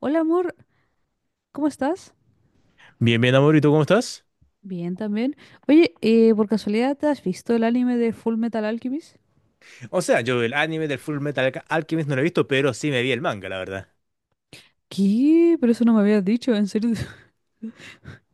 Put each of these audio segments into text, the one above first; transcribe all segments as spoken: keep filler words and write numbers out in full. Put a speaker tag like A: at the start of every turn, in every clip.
A: Hola amor, ¿cómo estás?
B: Bien, bien, amor, ¿y tú cómo estás?
A: Bien también. Oye, eh, por casualidad, ¿te has visto el anime de Full Metal Alchemist?
B: O sea, yo el anime del Full Metal Alca- Alchemist no lo he visto, pero sí me vi el manga, la verdad.
A: ¿Qué? Pero eso no me habías dicho, en serio.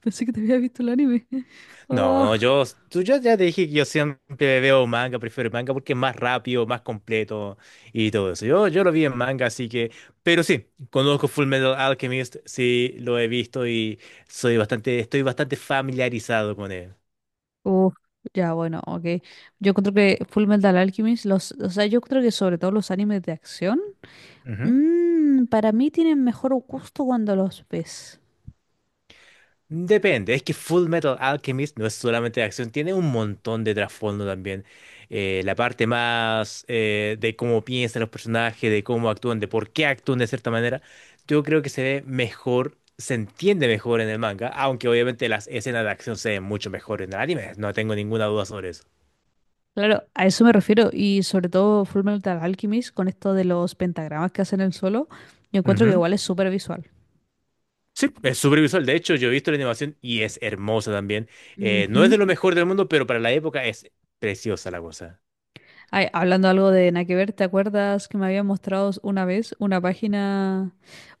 A: Pensé que te había visto el anime.
B: No,
A: Oh.
B: no, yo, tú, yo ya te dije que yo siempre veo manga, prefiero el manga porque es más rápido, más completo y todo eso. Yo, yo lo vi en manga, así que, pero sí, conozco Full Metal Alchemist, sí, lo he visto y soy bastante, estoy bastante familiarizado con él.
A: Uf, ya, bueno, ok. Yo creo que Full Metal Alchemist, los, o sea, yo creo que sobre todo los animes de acción, mm, para mí tienen mejor gusto cuando los ves.
B: Depende, es que Full Metal Alchemist no es solamente de acción, tiene un montón de trasfondo también. Eh, la parte más eh, de cómo piensan los personajes, de cómo actúan, de por qué actúan de cierta manera, yo creo que se ve mejor, se entiende mejor en el manga, aunque obviamente las escenas de acción se ven mucho mejor en el anime, no tengo ninguna duda sobre eso.
A: Claro, a eso me refiero. Y sobre todo Full Metal Alchemist, con esto de los pentagramas que hacen el solo, yo encuentro que
B: Ujú.
A: igual es súper visual.
B: Sí, es súper visual. De hecho, yo he visto la animación y es hermosa también. Eh, no es
A: Ujú.
B: de lo mejor del mundo, pero para la época es preciosa la cosa.
A: Ay, hablando algo de nada que ver, ¿te acuerdas que me habían mostrado una vez una página?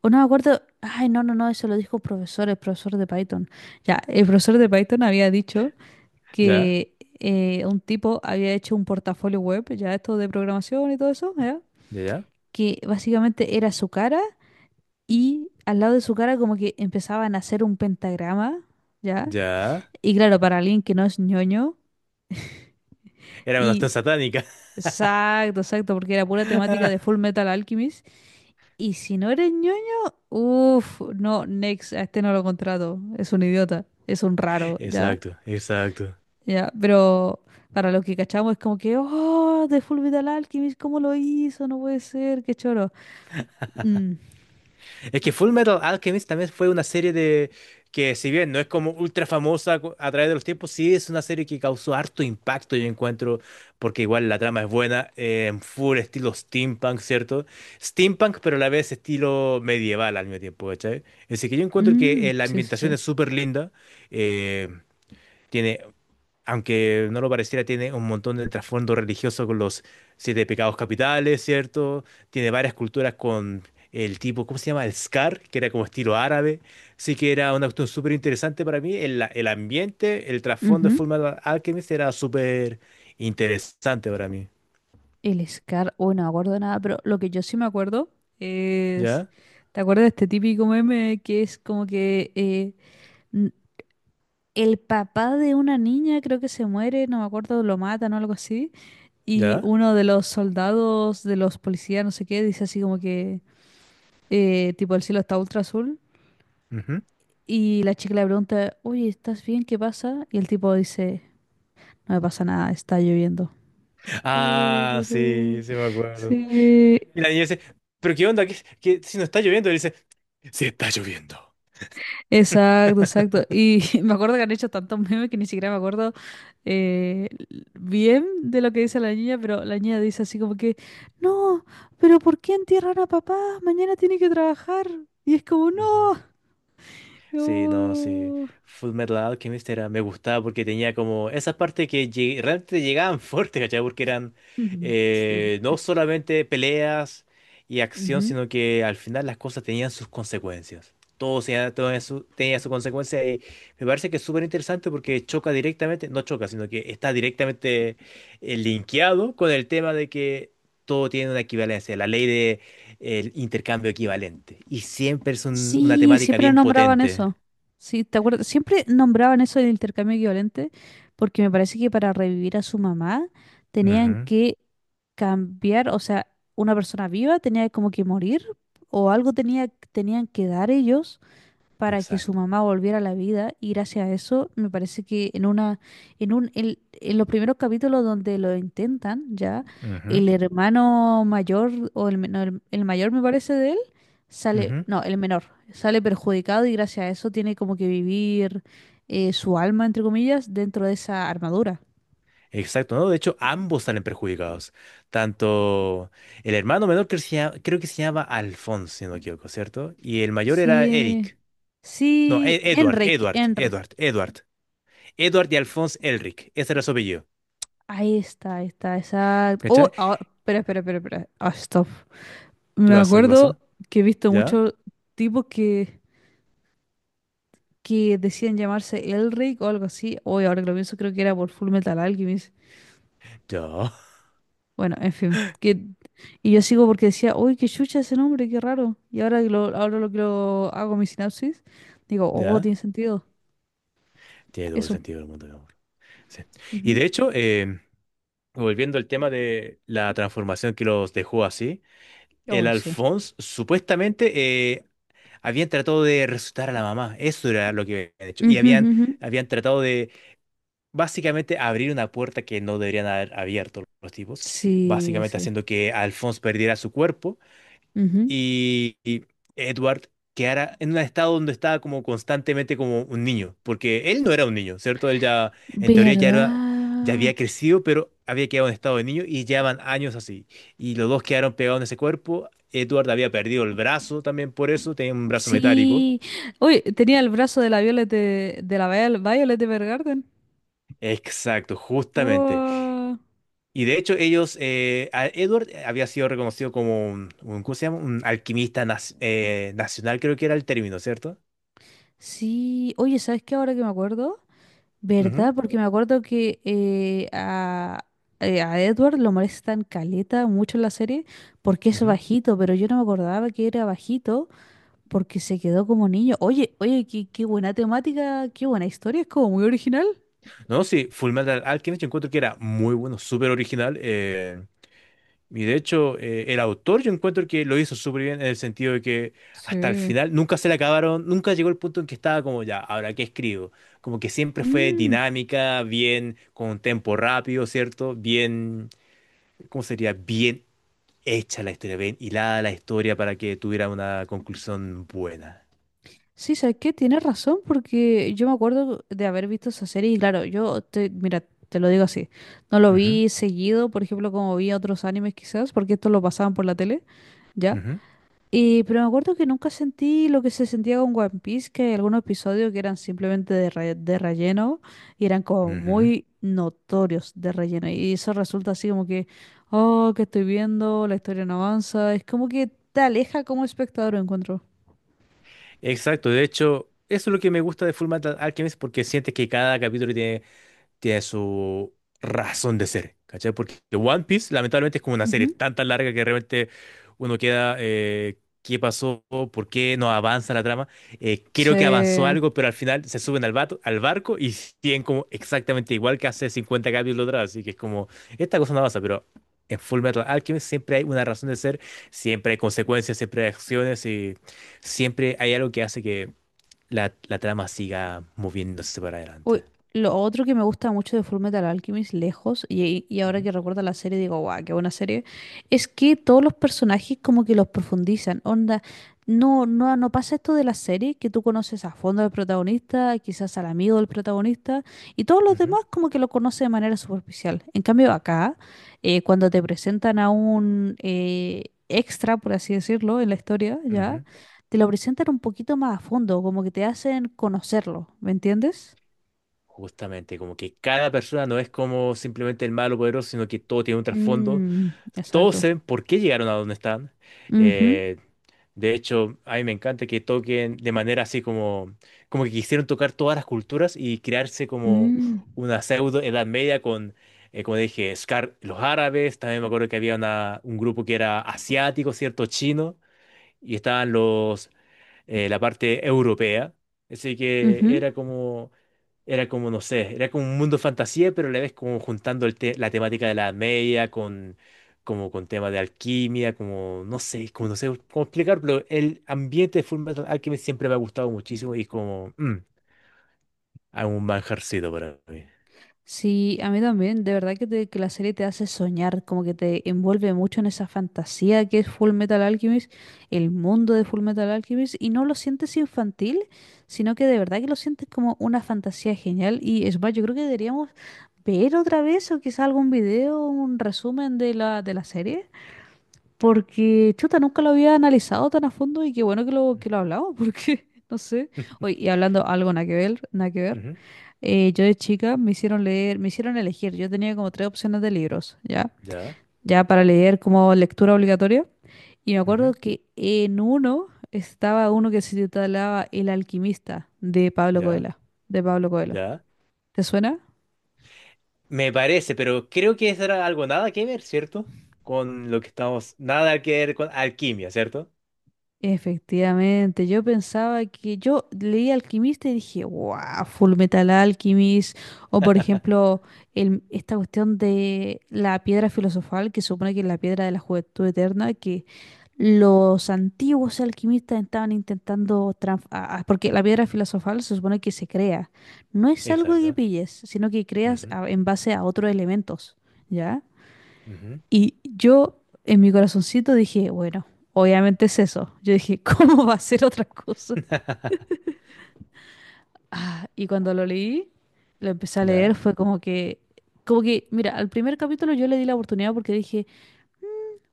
A: O no me acuerdo. Ay, no, no, no, eso lo dijo un profesor, el profesor de Python. Ya, el profesor de Python había dicho
B: ¿Ya?
A: que eh, un tipo había hecho un portafolio web, ya esto de programación y todo eso, ¿ya?
B: ¿Ya? ¿Ya?
A: Que básicamente era su cara y al lado de su cara como que empezaban a hacer un pentagrama, ¿ya?
B: ¿Ya?
A: Y claro, para alguien que no es ñoño
B: Era una cuestión
A: y...
B: satánica.
A: Exacto, exacto, porque era pura temática de Full Metal Alchemist. Y si no eres ñoño, uff, no, next, a este no lo contrato. Es un idiota, es un raro, ya,
B: Exacto, exacto.
A: ya. Pero para los que cachamos es como que, oh, de Fullmetal Alchemist, ¿cómo lo hizo? No puede ser, qué choro. Mm,
B: Es que Full Metal Alchemist también fue una serie de que si bien no es como ultra famosa cu- a través de los tiempos, sí es una serie que causó harto impacto, yo encuentro, porque igual la trama es buena, eh, en full estilo steampunk, ¿cierto? Steampunk, pero a la vez estilo medieval al mismo tiempo, ¿cachai? Así que yo encuentro
A: mm,
B: que eh, la
A: sí, sí,
B: ambientación
A: sí.
B: es súper linda, eh, tiene, aunque no lo pareciera, tiene un montón de trasfondo religioso con los siete pecados capitales, ¿cierto? Tiene varias culturas con el tipo, ¿cómo se llama? El Scar, que era como estilo árabe. Sí que era una cuestión súper interesante para mí. El, el ambiente, el trasfondo de
A: Ujú.
B: Fullmetal Alchemist era súper interesante para mí.
A: El Scar, oh, no me acuerdo de nada, pero lo que yo sí me acuerdo es.
B: ¿Ya?
A: ¿Te acuerdas de este típico meme que es como que eh, n- el papá de una niña creo que se muere, no me acuerdo, lo matan o algo así? Y
B: ¿Ya?
A: uno de los soldados, de los policías, no sé qué, dice así como que, eh, tipo, el cielo está ultra azul.
B: Ujú.
A: Y la chica le pregunta, oye, ¿estás bien? ¿Qué pasa? Y el tipo dice, no me pasa nada, está lloviendo.
B: Ah, sí,
A: Turururú.
B: sí me acuerdo.
A: Sí,
B: Y la niña dice, ¿pero qué onda? ¿Qué, qué- si no está lloviendo? Y él dice, sí está lloviendo.
A: exacto, exacto. Y me acuerdo que han hecho tantos memes que ni siquiera me acuerdo eh, bien de lo que dice la niña, pero la niña dice así como que, no, pero ¿por qué entierran a papá? Mañana tiene que trabajar. Y es como,
B: Ujú.
A: no.
B: Sí, no, sí.
A: Yo-
B: Full Metal Alchemist era, me gustaba porque tenía como esa parte que lle- realmente llegaban fuerte, ¿cachai? Porque eran
A: Sí.
B: eh, no solamente peleas y acción,
A: Ujú.
B: sino que al final las cosas tenían sus consecuencias. Todo, tenía, todo eso tenía su consecuencia y me parece que es súper interesante porque choca directamente, no choca, sino que está directamente eh, linkeado con el tema de que todo tiene una equivalencia, la ley de el intercambio equivalente. Y siempre es un- una
A: Sí,
B: temática
A: siempre
B: bien
A: nombraban
B: potente.
A: eso. Sí, ¿te acuerdas? Siempre nombraban eso del intercambio equivalente, porque me parece que para revivir a su mamá tenían
B: Ujú,
A: que cambiar, o sea, una persona viva tenía como que morir, o algo tenía, tenían que dar ellos, para que su
B: exacto.
A: mamá volviera a la vida. Y gracias a eso me parece que en una en un en, en los primeros capítulos donde lo intentan, ya
B: Ujú,
A: el hermano mayor o el, men- el, el mayor me parece de él, sale,
B: ujú.
A: no el menor, sale perjudicado, y gracias a eso tiene como que vivir eh, su alma entre comillas dentro de esa armadura.
B: Exacto, ¿no? De hecho, ambos salen perjudicados. Tanto el hermano menor que se llama- creo que se llama Alphonse, si no me equivoco, ¿cierto? Y el mayor era
A: Sí,
B: Eric. No,
A: sí,
B: E- Edward,
A: Enrique,
B: Edward,
A: Enrique.
B: Edward, Edward. Edward y Alphonse Elric. Ese era su apellido.
A: Ahí está, ahí está, exacto. Oh,
B: ¿Cachai?
A: ah, espera espera espera espera ah, stop.
B: ¿Qué
A: Me
B: pasó? ¿Qué
A: acuerdo
B: pasó?
A: que he visto
B: ¿Ya?
A: muchos tipos que, que decían llamarse Elric o algo así. Hoy, ahora que lo pienso, creo que era por Full Metal Alchemist.
B: ¿Ya?
A: Bueno, en fin. Que, y yo sigo porque decía, uy, qué chucha ese nombre, qué raro. Y ahora que lo, ahora lo que lo hago mi sinapsis, digo, oh,
B: ¿Ya?
A: tiene sentido.
B: Tiene todo el
A: Eso.
B: sentido del mundo, mi amor. Sí. Y
A: Ujú.
B: de hecho, em, volviendo al tema de la transformación que los dejó así.
A: Oh,
B: El
A: ese.
B: Alphonse supuestamente eh, Habían tratado de resucitar a la mamá, eso era lo que habían hecho. Y
A: Ujú, ujú,
B: habían,
A: ujú.
B: habían tratado de básicamente abrir una puerta que no deberían haber abierto los tipos,
A: Sí,
B: básicamente
A: ese.
B: haciendo que Alphonse perdiera su cuerpo
A: Ujú.
B: y, y Edward quedara en un estado donde estaba como constantemente como un niño, porque él no era un niño, ¿cierto? Él ya, en teoría, ya era, ya
A: ¿Verdad?
B: había crecido, pero había quedado en estado de niño y llevaban años así. Y los dos quedaron pegados en ese cuerpo. Edward había perdido el brazo también por eso, tenía un brazo metálico.
A: Sí. Uy, tenía el brazo de la Violet de, de la Viol- Violet de...
B: Exacto, justamente.
A: Wow.
B: Y de hecho ellos, eh, a- Edward eh, había sido reconocido como un, un- ¿cómo se llama? Un alquimista nas- eh, nacional, creo que era el término, ¿cierto?
A: Sí, oye, ¿sabes qué? Ahora que me acuerdo,
B: Ujú,
A: ¿verdad? Porque me acuerdo que eh, a, eh, a Edward lo molestan caleta mucho en la serie porque es
B: ujú.
A: bajito, pero yo no me acordaba que era bajito porque se quedó como niño. Oye, oye, qué, qué buena temática, qué buena historia, es como muy original.
B: No, sí, Fullmetal Alchemist yo encuentro que era muy bueno, súper original. eh, y de hecho eh, el autor yo encuentro que lo hizo súper bien en el sentido de que hasta el
A: Sí.
B: final nunca se le acabaron, nunca llegó el punto en que estaba como ya, ¿ahora qué escribo? Como que siempre fue
A: Mm.
B: dinámica, bien, con un tempo rápido, ¿cierto? Bien, ¿cómo sería? Bien hecha la historia, bien hilada la historia para que tuviera una conclusión buena.
A: Sí, ¿sabes qué? Tienes razón, porque yo me acuerdo de haber visto esa serie y claro, yo, te, mira, te lo digo así, no lo
B: Ujú,
A: vi seguido, por ejemplo, como vi otros animes quizás, porque esto lo pasaban por la tele, ¿ya?
B: ujú,
A: Y, pero me acuerdo que nunca sentí lo que se sentía con One Piece, que hay algunos episodios que eran simplemente de, re- de relleno y eran como
B: ujú.
A: muy notorios de relleno. Y eso resulta así como que, oh, que estoy viendo, la historia no avanza, es como que te aleja como espectador, encuentro.
B: Exacto, de hecho, eso es lo que me gusta de Fullmetal Alchemist porque sientes que cada capítulo tiene tiene su razón de ser, ¿cachai? Porque One Piece, lamentablemente, es como una serie
A: Ujú.
B: tan tan larga que realmente uno queda, eh, ¿qué pasó? ¿Por qué no avanza la trama? Eh, creo que avanzó
A: Sí.
B: algo, pero al final se suben al, vato- al barco y siguen como exactamente igual que hace cincuenta capítulos atrás, así que es como, esta cosa no avanza, pero. En Fullmetal Alchemist siempre hay una razón de ser, siempre hay consecuencias, siempre hay acciones y siempre hay algo que hace que la, la trama siga moviéndose para
A: Uy,
B: adelante.
A: lo otro que me gusta mucho de Fullmetal Alchemist, lejos, y, y ahora
B: Ujú,
A: que recuerdo la serie digo, guau, qué buena serie, es que todos los personajes como que los profundizan, onda, no, no, no pasa esto de la serie, que tú conoces a fondo al protagonista, quizás al amigo del protagonista, y todos los
B: ujú.
A: demás como que lo conoces de manera superficial. En cambio acá, eh, cuando te presentan a un eh, extra, por así decirlo, en la historia, ya,
B: Ujú.
A: te lo presentan un poquito más a fondo, como que te hacen conocerlo, ¿me entiendes?
B: Justamente, como que cada persona no es como simplemente el malo poderoso, sino que todo tiene un trasfondo.
A: Mm,
B: Todos
A: exacto.
B: saben por qué llegaron a donde están.
A: Ujú,
B: Eh, de hecho, a mí me encanta que toquen de manera así como, como que quisieron tocar todas las culturas y crearse como
A: mm,
B: una pseudo Edad Media con, eh, como dije, Scar, los árabes. También me acuerdo que había una- un grupo que era asiático, ¿cierto? Chino. Y estaban los eh, la parte europea. Así que
A: ujú.
B: era como, era como, no sé, era como un mundo fantasía, pero a la vez como juntando el te- la temática de la Edad Media con, como con temas de alquimia, como, no sé, como no sé cómo explicarlo. El ambiente de Fullmetal Alchemist siempre me ha gustado muchísimo y como, mm, hay un manjarcito para mí.
A: Sí, a mí también. De verdad que, te- que la serie te hace soñar, como que te envuelve mucho en esa fantasía que es Full Metal Alchemist, el mundo de Full Metal Alchemist, y no lo sientes infantil, sino que de verdad que lo sientes como una fantasía genial. Y es más, yo creo que deberíamos ver otra vez o quizá algún video, un resumen de la, de la serie. Porque, chuta, nunca lo había analizado tan a fondo y qué bueno que lo, que lo hablamos, porque, no sé. Oye, y hablando algo nada que ver, nada que ver,
B: Ujú,
A: eh, yo de chica me hicieron leer, me hicieron elegir. Yo tenía como tres opciones de libros, ¿ya?
B: ya,
A: Ya para leer como lectura obligatoria. Y me acuerdo
B: ujú,
A: que en uno estaba uno que se titulaba El Alquimista de Pablo
B: ya,
A: Coelho, de Pablo Coelho.
B: ya.
A: ¿Te suena?
B: Me parece, pero creo que eso era algo nada que ver, ¿cierto? Con lo que estamos, nada que ver con alquimia, ¿cierto?
A: Efectivamente, yo pensaba que yo leí Alquimista y dije, wow, Full Metal Alchemist, o por ejemplo, el- esta cuestión de la piedra filosofal, que supone que es la piedra de la juventud eterna, que los antiguos alquimistas estaban intentando, trans- a- a- porque la piedra filosofal se supone que se crea, no es algo que
B: Exacto.
A: pilles, sino que creas
B: Ujú,
A: a- en base a otros elementos, ¿ya?
B: ujú.
A: Y yo en mi corazoncito dije, bueno, obviamente es eso. Yo dije, ¿cómo va a ser otra cosa? Ah, y cuando lo leí, lo empecé a leer,
B: ¿Ya?
A: fue como que, como que, mira, al primer capítulo yo le di la oportunidad porque dije,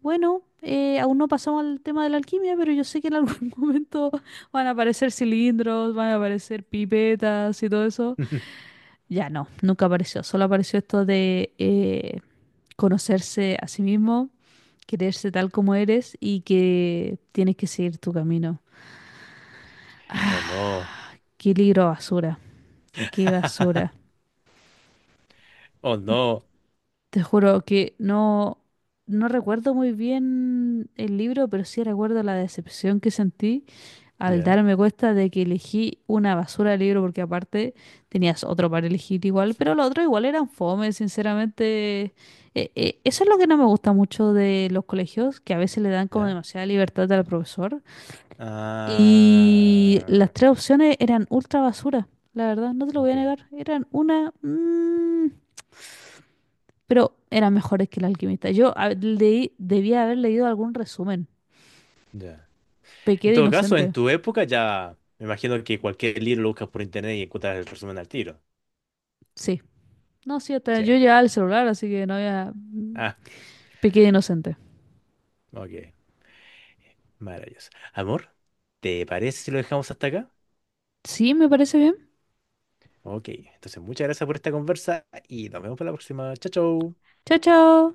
A: bueno, eh, aún no pasamos al tema de la alquimia, pero yo sé que en algún momento van a aparecer cilindros, van a aparecer pipetas y todo eso. Ya no, nunca apareció. Solo apareció esto de eh, conocerse a sí mismo, quererse tal como eres y que tienes que seguir tu camino.
B: Oh no.
A: Qué libro basura, qué basura.
B: Oh no.
A: Te juro que no, no recuerdo muy bien el libro, pero sí recuerdo la decepción que sentí al
B: ¿Ya?
A: darme cuenta de que elegí una basura de libro, porque aparte tenías otro para elegir igual, pero los otros igual eran fome, sinceramente. Eh, eh, eso es lo que no me gusta mucho de los colegios, que a veces le dan como
B: ¿Ya?
A: demasiada libertad al profesor. Y las
B: Ah,
A: tres opciones eran ultra basura, la verdad, no te lo voy
B: ok.
A: a negar. Eran una... mm, pero eran mejores que El Alquimista. Yo a- leí, debía haber leído algún resumen.
B: Ya.
A: Pequé
B: En
A: de
B: todo caso, en
A: inocente.
B: tu época ya me imagino que cualquier libro lo buscas por internet y encuentras el resumen al tiro.
A: Sí. No, sí, hasta
B: Sí.
A: yo llevaba el celular, así que no había...
B: Ah,
A: Pequé de inocente.
B: ok. Maravilloso. Amor, ¿te parece si lo dejamos hasta acá?
A: Sí, me parece bien.
B: Ok. Entonces, muchas gracias por esta conversa y nos vemos para la próxima. Chao, chao.
A: Chao, chao.